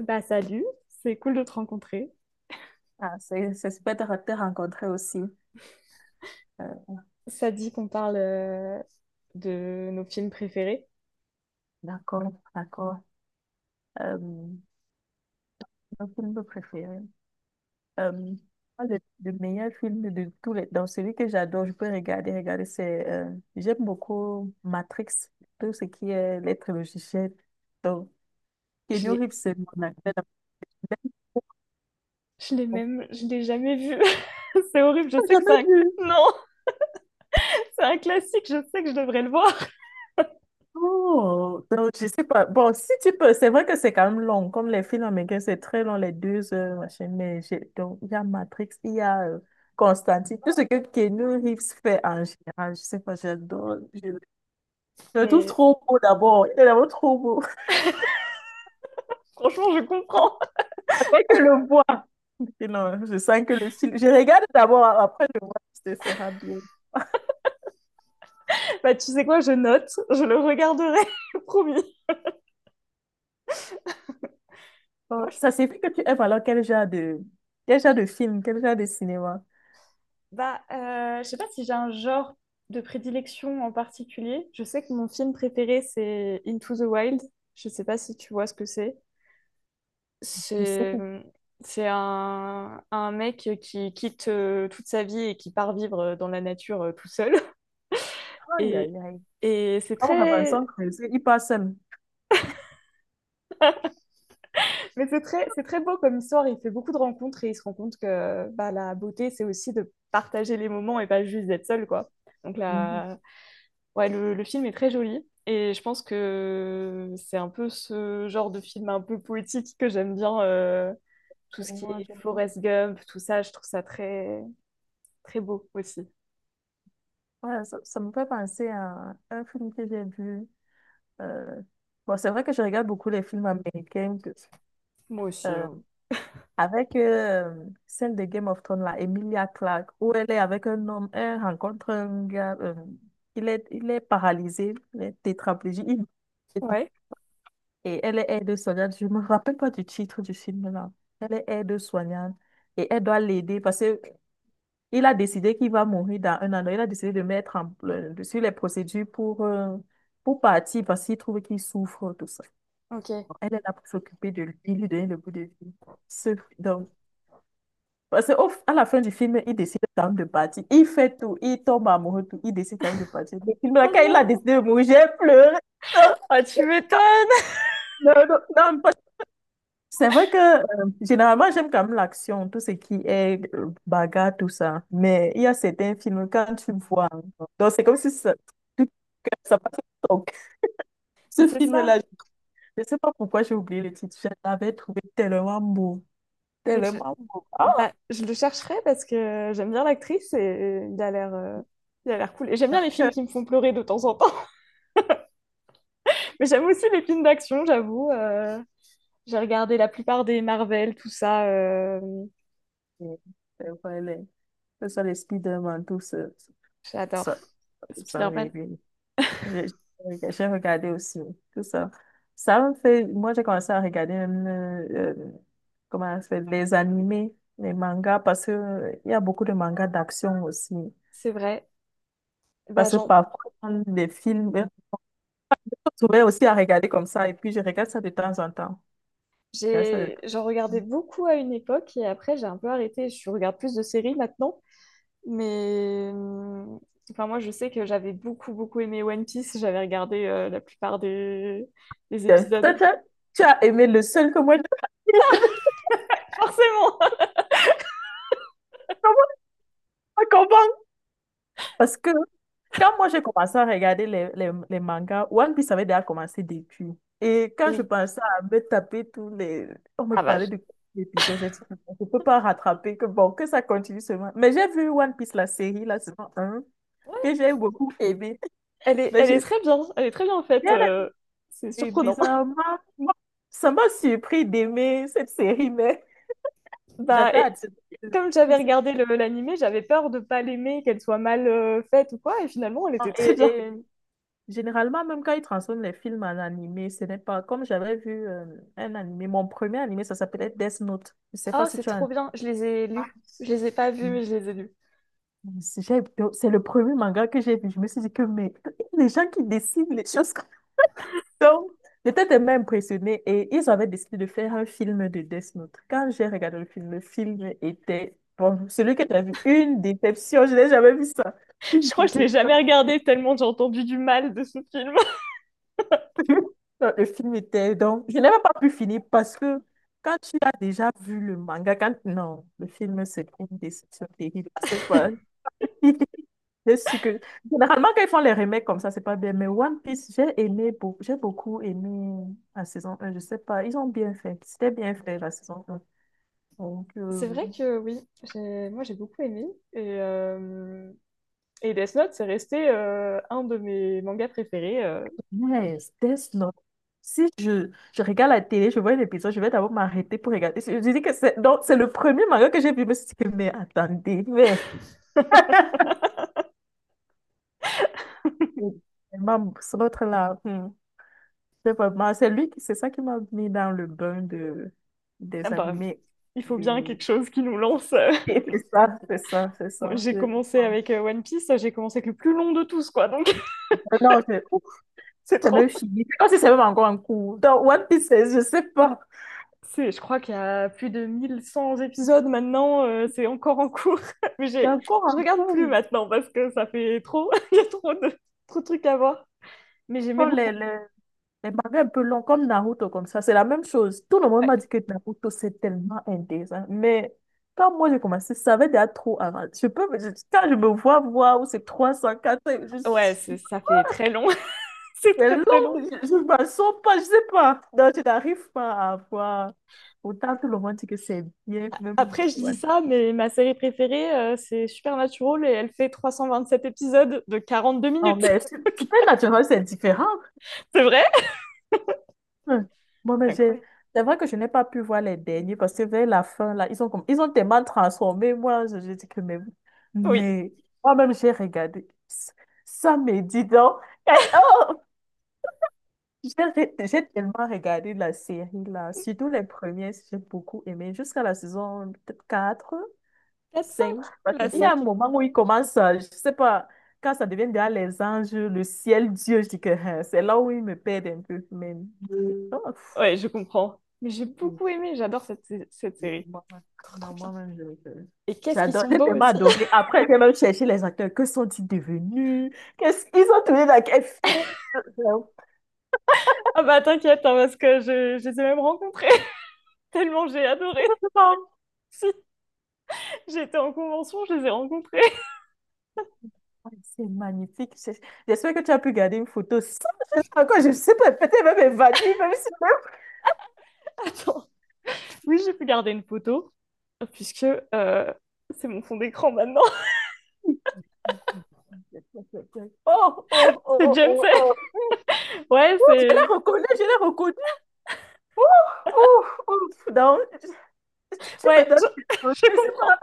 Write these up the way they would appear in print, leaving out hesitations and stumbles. Bah salut, c'est cool de te rencontrer. Ah, c'est super de te rencontrer aussi. Euh, Ça dit qu'on parle de nos films préférés. d'accord, d'accord. Mon film préféré. Euh, Moi, le meilleur film de tous les. Donc, celui que j'adore, je peux regarder, regarder, c'est, j'aime beaucoup Matrix, tout ce qui est les trilogies. Donc, Je Keanu l'ai, Reeves, c'est mon acteur. Je l'ai jamais vu. C'est horrible, je J'ai sais que c'est jamais un... vu. Non, c'est un classique, je sais que je devrais le voir. Oh, donc je sais pas. Bon, si tu peux, c'est vrai que c'est quand même long, comme les films américains, c'est très long, les 2 heures, machin, donc il y a Matrix, il y a Constantine, tout ce que Keanu Reeves fait en général, je sais pas, j'adore, je le trouve Mais trop beau d'abord, il est d'abord trop beau, franchement, je comprends. après que le voir. Et non, je sens que le film, je regarde d'abord, après je vois si ce sera bien. Bah tu sais quoi, je note, je le regarderai, promis. Moi, Bon, je... ça signifie que tu aimes alors quel genre de film, quel genre de cinéma, Bah, je sais pas si j'ai un genre de prédilection en particulier. Je sais que mon film préféré, c'est Into the Wild. Je sais pas si tu vois ce que c'est. je sais c'est pas, mmh, c'est un mec qui quitte toute sa vie et qui part vivre dans la nature tout seul. aïe Et, aïe aïe, et c'est comme Robinson très, Crusoe, il passe seul. mais c'est très beau comme histoire. Il fait beaucoup de rencontres et il se rend compte que bah, la beauté, c'est aussi de partager les moments et pas juste d'être seul, quoi. Donc Mhm. là, ouais, le film est très joli. Et je pense que c'est un peu ce genre de film un peu poétique que j'aime bien. Tout Je ce qui vois, est je vois. Forrest Gump, tout ça, je trouve ça très, très beau aussi. Ouais, ça me fait penser à un film que j'ai vu. euh, Bon, c'est vrai que je regarde beaucoup les films américains Moi aussi, euh, hein. avec celle de Game of Thrones, là, Emilia Clarke, où elle est avec un homme, elle rencontre un gars, il est paralysé, il est tétraplégique, Ouais, et elle est aide-soignante. Je me rappelle pas du titre du film, là. Elle est aide-soignante et elle doit l'aider parce que il a décidé qu'il va mourir dans un an. Il a décidé de mettre sur les procédures pour partir parce qu'il trouve qu'il souffre, tout ça. ok. Elle est là pour s'occuper de lui, lui donner le bout de vie. Ce- donc, parce qu'à la fin du film, il décide quand même de partir. Il fait tout, il tombe amoureux, tout. Il décide quand même de partir. Le film, là, Oh quand il a non! décidé de mourir, j'ai pleuré. Ah, tu m'étonnes! Non, non, non, non, c'est vrai que généralement, j'aime quand même l'action, tout ce qui est bagarre, tout ça. Mais il y a certains films, quand tu vois, hein, donc c'est comme si ça. Ça passe au TikTok. Mais Ce c'est ça. film-là, je ne sais pas pourquoi j'ai oublié le titre. Je l'avais trouvé tellement beau. Mais je... Tellement beau. Ah, Bah, je le chercherai parce que j'aime bien l'actrice et il a l'air cool. Et j'aime c'est bien les films vrai qui me font pleurer de temps en temps. Mais j'aime aussi les films d'action, j'avoue. J'ai regardé la plupart des Marvel, tout ça. Que- c'est vrai, que ce soit les Spider-Man, tout ça. Tout J'adore. ça, tout ça, oui, Spider-Man, oui. J'ai regardé aussi, tout ça. Ça me fait. Moi, j'ai commencé à regarder même, comment ça s'appelle, les animés, les mangas, parce que il y a beaucoup de mangas d'action aussi. c'est vrai. Bah, Parce que parfois, dans les films, je vais aussi à regarder comme ça et puis je regarde ça de temps en temps. Je regarde ça de temps. j'en regardais beaucoup à une époque et après j'ai un peu arrêté. Je regarde plus de séries maintenant. Mais enfin, moi, je sais que j'avais beaucoup, beaucoup aimé One Piece. J'avais regardé la plupart des Tiens, toi, épisodes. toi, tu as aimé le seul que moi je. Forcément! Comment ça commence? Parce que quand moi j'ai commencé à regarder les mangas, One Piece avait déjà commencé depuis. Et quand je Oui. pensais à me taper tous les. On me Ah bah, parlait de l'épisode, j'ai dit, je ne peux pas rattraper, que bon, que ça continue seulement. Mais j'ai vu One Piece, la série, la saison un ouais. que j'ai beaucoup aimé. elle est, Mais elle est j'ai très bien. Elle est très bien en fait. bien C'est aimé. surprenant. Bizarrement, moi, ça m'a surpris d'aimer cette série, mais Bah, j'attends à et dire- comme j'avais regardé l'animé, j'avais peur de pas l'aimer, qu'elle soit mal faite ou quoi. Et finalement, elle était très Et, bien. et généralement, même quand ils transforment les films en animé, ce n'est pas comme j'avais vu un animé. Mon premier animé, ça s'appelait Death Note. Je ne sais Oh, pas si c'est tu as. trop bien. Je les ai Ah, lus. Je les ai pas vus, mais- mais je les ai lus. mais c'est le premier manga que j'ai vu. Je me suis dit que, mais les gens qui décident les choses. Donc, j'étais tellement impressionnée et ils avaient décidé de faire un film de Death Note. Quand j'ai regardé le film était, bon, celui que tu as vu, une déception. Je n'ai jamais vu ça. Je Une crois que je l'ai déception. jamais regardé tellement j'ai entendu du mal de ce film. Non, le film était, donc, je n'avais pas pu finir parce que quand tu as déjà vu le manga, quand, non, le film, c'est une déception terrible. Je sais pas. Je suis que. Généralement, quand ils font les remakes comme ça, c'est pas bien. Mais One Piece, j'ai aimé, j'ai beaucoup aimé la saison un. Je sais pas, ils ont bien fait. C'était bien fait, la saison un. Donc, C'est vrai que oui, moi j'ai beaucoup aimé. Et, euh, et Death Note, c'est resté un de mes mangas préférés. Yes, Death Note. Si je regarde la télé, je vois un épisode, je vais d'abord m'arrêter pour regarder. Je dis que c'est donc, c'est le premier manga que j'ai vu. Je me suis dit, que, mais attendez, mais. Vraiment, c'est l'autre là, c'est vraiment. C'est lui qui. C'est ça qui m'a mis dans le bain Ah des bah, animés. il faut Oui, bien oui. quelque chose qui nous lance. C'est ça, c'est ça, c'est Moi ça. j'ai C'est commencé ça. avec One Piece, j'ai commencé avec le plus long de tous, quoi. Donc Non, ouf, c'est c'est même trop. fini. Comme si c'est même encore en cours. Dans One Piece, je sais pas. Je crois qu'il y a plus de 1 100 épisodes maintenant, c'est encore en cours. Mais C'est j'ai, encore je en regarde plus cours. maintenant parce que ça fait trop. Il y a trop de trucs à voir. Mais j'aimais Quand beaucoup. les mangas un peu longs, comme Naruto, comme ça, c'est la même chose. Tout le monde Ouais, m'a dit que Naruto, c'est tellement intéressant. Mais quand moi j'ai commencé, ça avait déjà trop avant. Quand je me vois voir où c'est 300, 400, ouais, ça fait très long. C'est c'est très long, très long. je ne m'en sors pas, je sais pas. Donc je n'arrive pas à voir. Autant tout le monde dit que c'est bien, même. Après, je dis Ouais. ça, mais ma série préférée, c'est Supernatural et elle fait 327 épisodes de 42 Non, minutes. mais Supernatural, c'est différent. C'est vrai? Hum. Moi, C'est mais j'ai. incroyable. C'est vrai que je n'ai pas pu voir les derniers parce que vers la fin, là, ils ont tellement transformé. Moi, je dis que mais. Oui. Mais moi-même, j'ai regardé. Ça me dit donc. Eh, oh. J'ai tellement regardé la série, là. Surtout les premiers, j'ai beaucoup aimé. Jusqu'à la saison peut-être 4. Quatre cinq. Cinq. Parce que La il y a un cinq est moment cool. où il commence, je sais pas, quand ça devient derrière les anges, le ciel, Dieu, je dis que hein, c'est là où il me perd un peu. Mais oh, pff, Ouais, je comprends. Mais j'ai oui, beaucoup aimé, j'adore cette oui, série. moi-même, Trop, non, trop bien. moi-même, Et qu'est-ce qu'ils j'adore, sont j'ai beaux tellement aussi. adoré. Après, j'ai même cherché les acteurs. Que sont-ils devenus? Qu'est-ce qu'ils ont tourné dans quel film? Ah bah t'inquiète, hein, parce que je les ai même rencontrés. Tellement j'ai adoré. Vraiment, Si, j'étais en convention, je les ai rencontrés. ouais, c'est magnifique. J'espère que tu as pu garder une photo sans geste encore. Je sais pas, peut-être même évanouie, même si. Attends. Oui, j'ai pu garder une photo, puisque euh, c'est mon fond d'écran maintenant. Oh, oh, oh, C'est oh, Jensen. oh. Ouais, Ouh, je c'est l'ai reconnu, je l'ai reconnu. Oh, oh, oh. Non, tu me Ouais, donnes je, des choses, je c'est comprends. pas.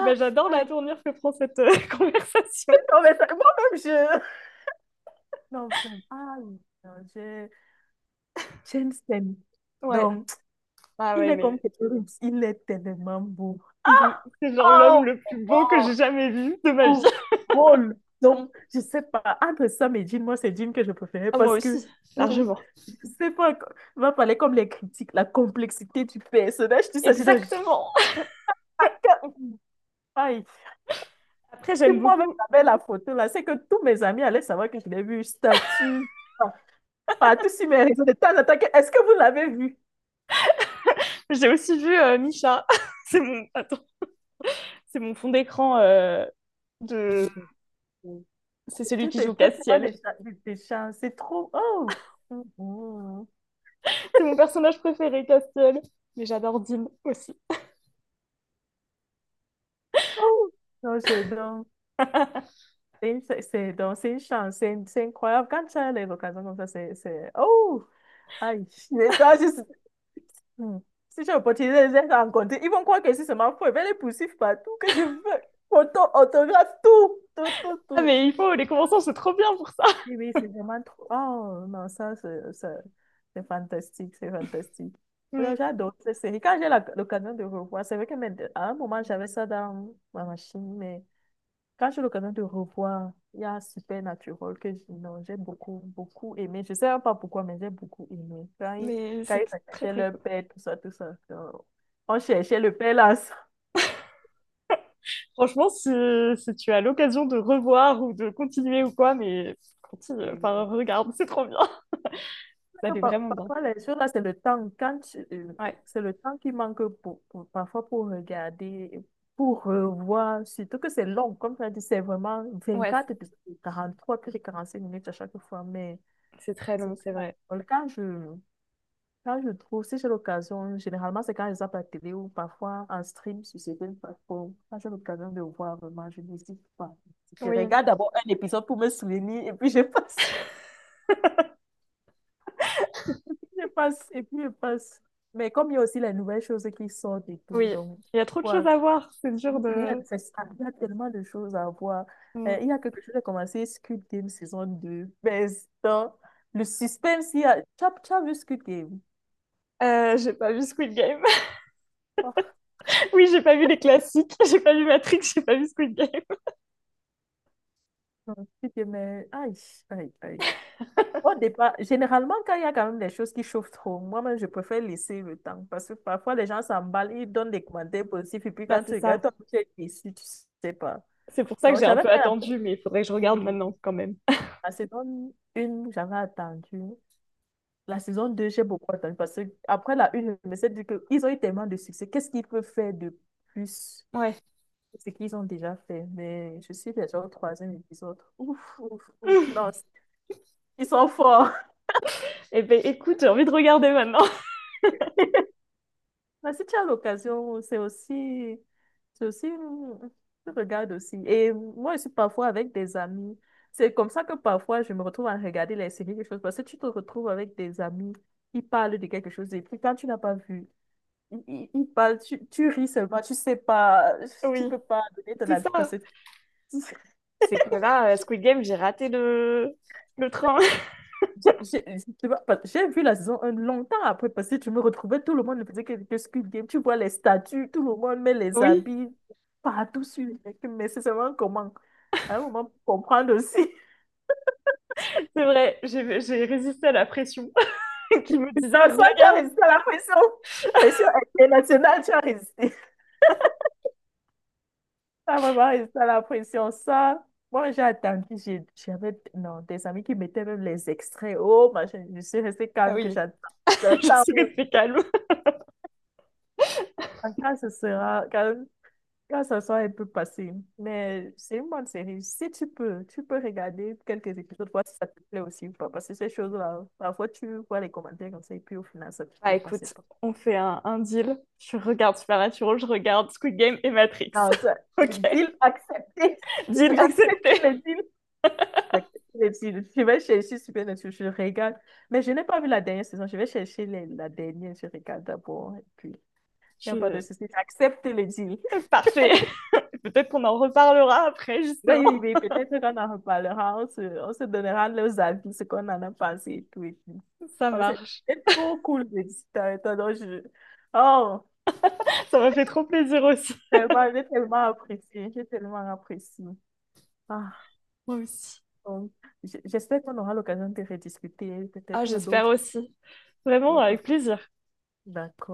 Bah, j'adore la aïe. tournure que prend cette conversation. Non, mais moi-même, je. Non, vraiment, aïe. Non, je. Jensen. Ouais. Donc, Ah il ouais, est comme mais Keterimps, il est tellement beau. C'est genre l'homme Oh, le oh, plus beau que j'ai oh. jamais vu de ma vie. Oh, drôle. Donc, je sais pas, entre Sam et Jean, moi, c'est Jean que je préférais Ah, moi parce que, aussi, donc, largement. je sais pas, on va parler comme les critiques, la complexité du personnage, tout ça, j'ai dit, Exactement. je- aïe. Après, Et j'aime moi-même, beaucoup. j'avais la photo là, c'est que tous mes amis allaient savoir que je l'ai vu, statut, par- partout sur mes réseaux, de temps en temps, que, est-ce que vous l'avez vu? J'ai aussi vu Misha. C'est mon... Attends, c'est mon fond d'écran de... C'est celui qui J'étais joue tellement Castiel. des c'est trop, oh, oh C'est mon personnage préféré, Castiel. Mais j'adore Dean aussi. oh, non, j'adore. C'est une- c'est- donc, c'est une chance, c'est incroyable. Quand tu as les vocations comme ça, c'est. Oh! Aïe! Les gens, juste. Hmm. Si j'ai l'opportunité de les rencontrer, ils vont croire que si c'est ma faux. Ils vont les poursuivre partout, que je veux. Photo, autographe, tout! Tout, tout, Ah, tout. mais il faut, les conventions, c'est trop bien pour ça. Oui, oui, c'est vraiment trop. Oh, non, ça, c'est fantastique, c'est fantastique. Non, Mm. j'adore cette série. Quand j'ai l'occasion de revoir, c'est vrai que mais, à un moment, j'avais ça dans ma machine, mais. Quand j'ai l'occasion de revoir, il y a Supernatural que non, j'ai beaucoup, beaucoup aimé. Je sais même pas pourquoi, mais j'ai beaucoup aimé. Quand ils, Mais quand c'est ils très, attachaient très leur père, tout ça, tout ça. On cherchait le père là. Ça. Franchement, si tu as l'occasion de revoir ou de continuer ou quoi, mais Oui, continue, oui, enfin, oui. regarde, c'est trop bien. Parce Ça allait que vraiment bien. parfois, les choses là, c'est le temps. Ouais, C'est le temps qui manque parfois pour regarder, pour revoir, surtout que c'est long. Comme tu as dit, c'est vraiment ouais, 24 épisodes, trois puis 45 minutes à chaque fois. Mais c'est très c'est long, c'est très vrai. naturel. Quand je trouve, si j'ai l'occasion, généralement c'est quand je zappe la télé ou parfois en stream sur certaines plateformes. Quand j'ai l'occasion de le voir vraiment, je ne dis pas. Je Oui, regarde d'abord un épisode pour me souvenir et puis je passe, je passe, et puis je passe. Mais comme il y a aussi les nouvelles choses qui sortent et tout, oui. donc, Il y a trop de choses quoi, à voir, c'est dur de... c'est ça, il y a tellement de choses à voir. Mm. Il y a quelque chose, j'ai commencé Squid Game saison 2 mais dans le suspense, tu as vu Squid Game? J'ai pas vu Squid Game. Oh, Oui, j'ai pas vu les classiques. J'ai pas vu Matrix, j'ai pas vu Squid Game. non, Squid Game, mais aïe, aïe, aïe. Au départ, généralement, quand il y a quand même des choses qui chauffent trop, moi-même, je préfère laisser le temps parce que parfois, les gens s'emballent, ils donnent des commentaires positifs et puis Bah, quand c'est tu regardes, ça. toi, tu es déçu, tu sais pas. C'est pour ça que Donc, j'ai un j'avais peu fait la même attendu, mais chose. il faudrait que je regarde Et maintenant quand même. la saison 1, j'avais attendu. La saison 2 j'ai beaucoup attendu parce que après la une je me suis dit qu'ils ont eu tellement de succès. Qu'est-ce qu'ils peuvent faire de plus Ouais. que ce qu'ils ont déjà fait? Mais je suis déjà au troisième épisode. Ouf, ouf, ouf. Non, ils sont forts. Eh ben, écoute, j'ai envie de regarder maintenant. Mais si tu as l'occasion, c'est aussi, tu regardes aussi. Et moi, je suis parfois avec des amis. C'est comme ça que parfois, je me retrouve à regarder les séries, quelque chose. Parce que tu te retrouves avec des amis, ils parlent de quelque chose. Et puis, quand tu n'as pas vu, ils parlent, tu ris seulement, tu sais pas, tu Oui, peux pas donner ton c'est avis parce ça. que. C'est que là, Squid Game, j'ai raté le train. J'ai j'ai- Tu vois, j'ai vu la saison un longtemps après parce que tu me retrouvais, tout le monde ne faisait que Squid Game. Tu vois les statues, tout le monde met les Oui, habits partout sur les mecs, mais c'est seulement comment? À un moment, pour comprendre aussi. c'est vrai, j'ai résisté à la pression qui me Non, disait, soit tu as regarde. résisté à la pression, pression internationale, tu as résisté. Ça vraiment résisté à la pression. Ça, moi j'ai attendu, j'avais non, des amis qui mettaient même les extraits. Oh, machin, je suis restée Ah calme que oui, j'attends. Le je temps, suis restée calme. quand ce sera, quand. Là, ce soir, elle peut passer. Mais c'est une bonne série. Si tu peux, tu peux regarder quelques épisodes, voir si ça te plaît aussi ou pas. Parce que ces choses-là, parfois, tu vois les commentaires comme ça, et puis au final, ça te Bah plaît pas, c'est écoute, pas. on fait un deal. Je regarde Supernatural, je regarde Squid Game et Matrix. Non, ça, le Ok, deal accepté. deal J'accepte accepté. le deal. J'accepte les titres. Je vais chercher super Netflix, je regarde. Mais je n'ai pas vu la dernière saison. Je vais chercher la dernière, je regarde d'abord. Et puis, il n'y a pas de Je- souci. J'accepte le deal. Parfait. Peut-être qu'on en reparlera après, Oui, justement. oui, oui, peut-être qu'on en reparlera, on se donnera nos avis, ce qu'on en a pensé et tout. Et tout. Ça Oh, c'est marche. c'est trop cool de discuter avec toi. Donc je. Oh, Ça m'a fait trop plaisir aussi. tellement, j'ai tellement apprécié, j'ai tellement apprécié. Ah, Moi aussi. donc, j'espère qu'on aura l'occasion de rediscuter, Ah, peut-être j'espère d'autres. aussi. Vraiment, avec d'autres- plaisir. D'accord.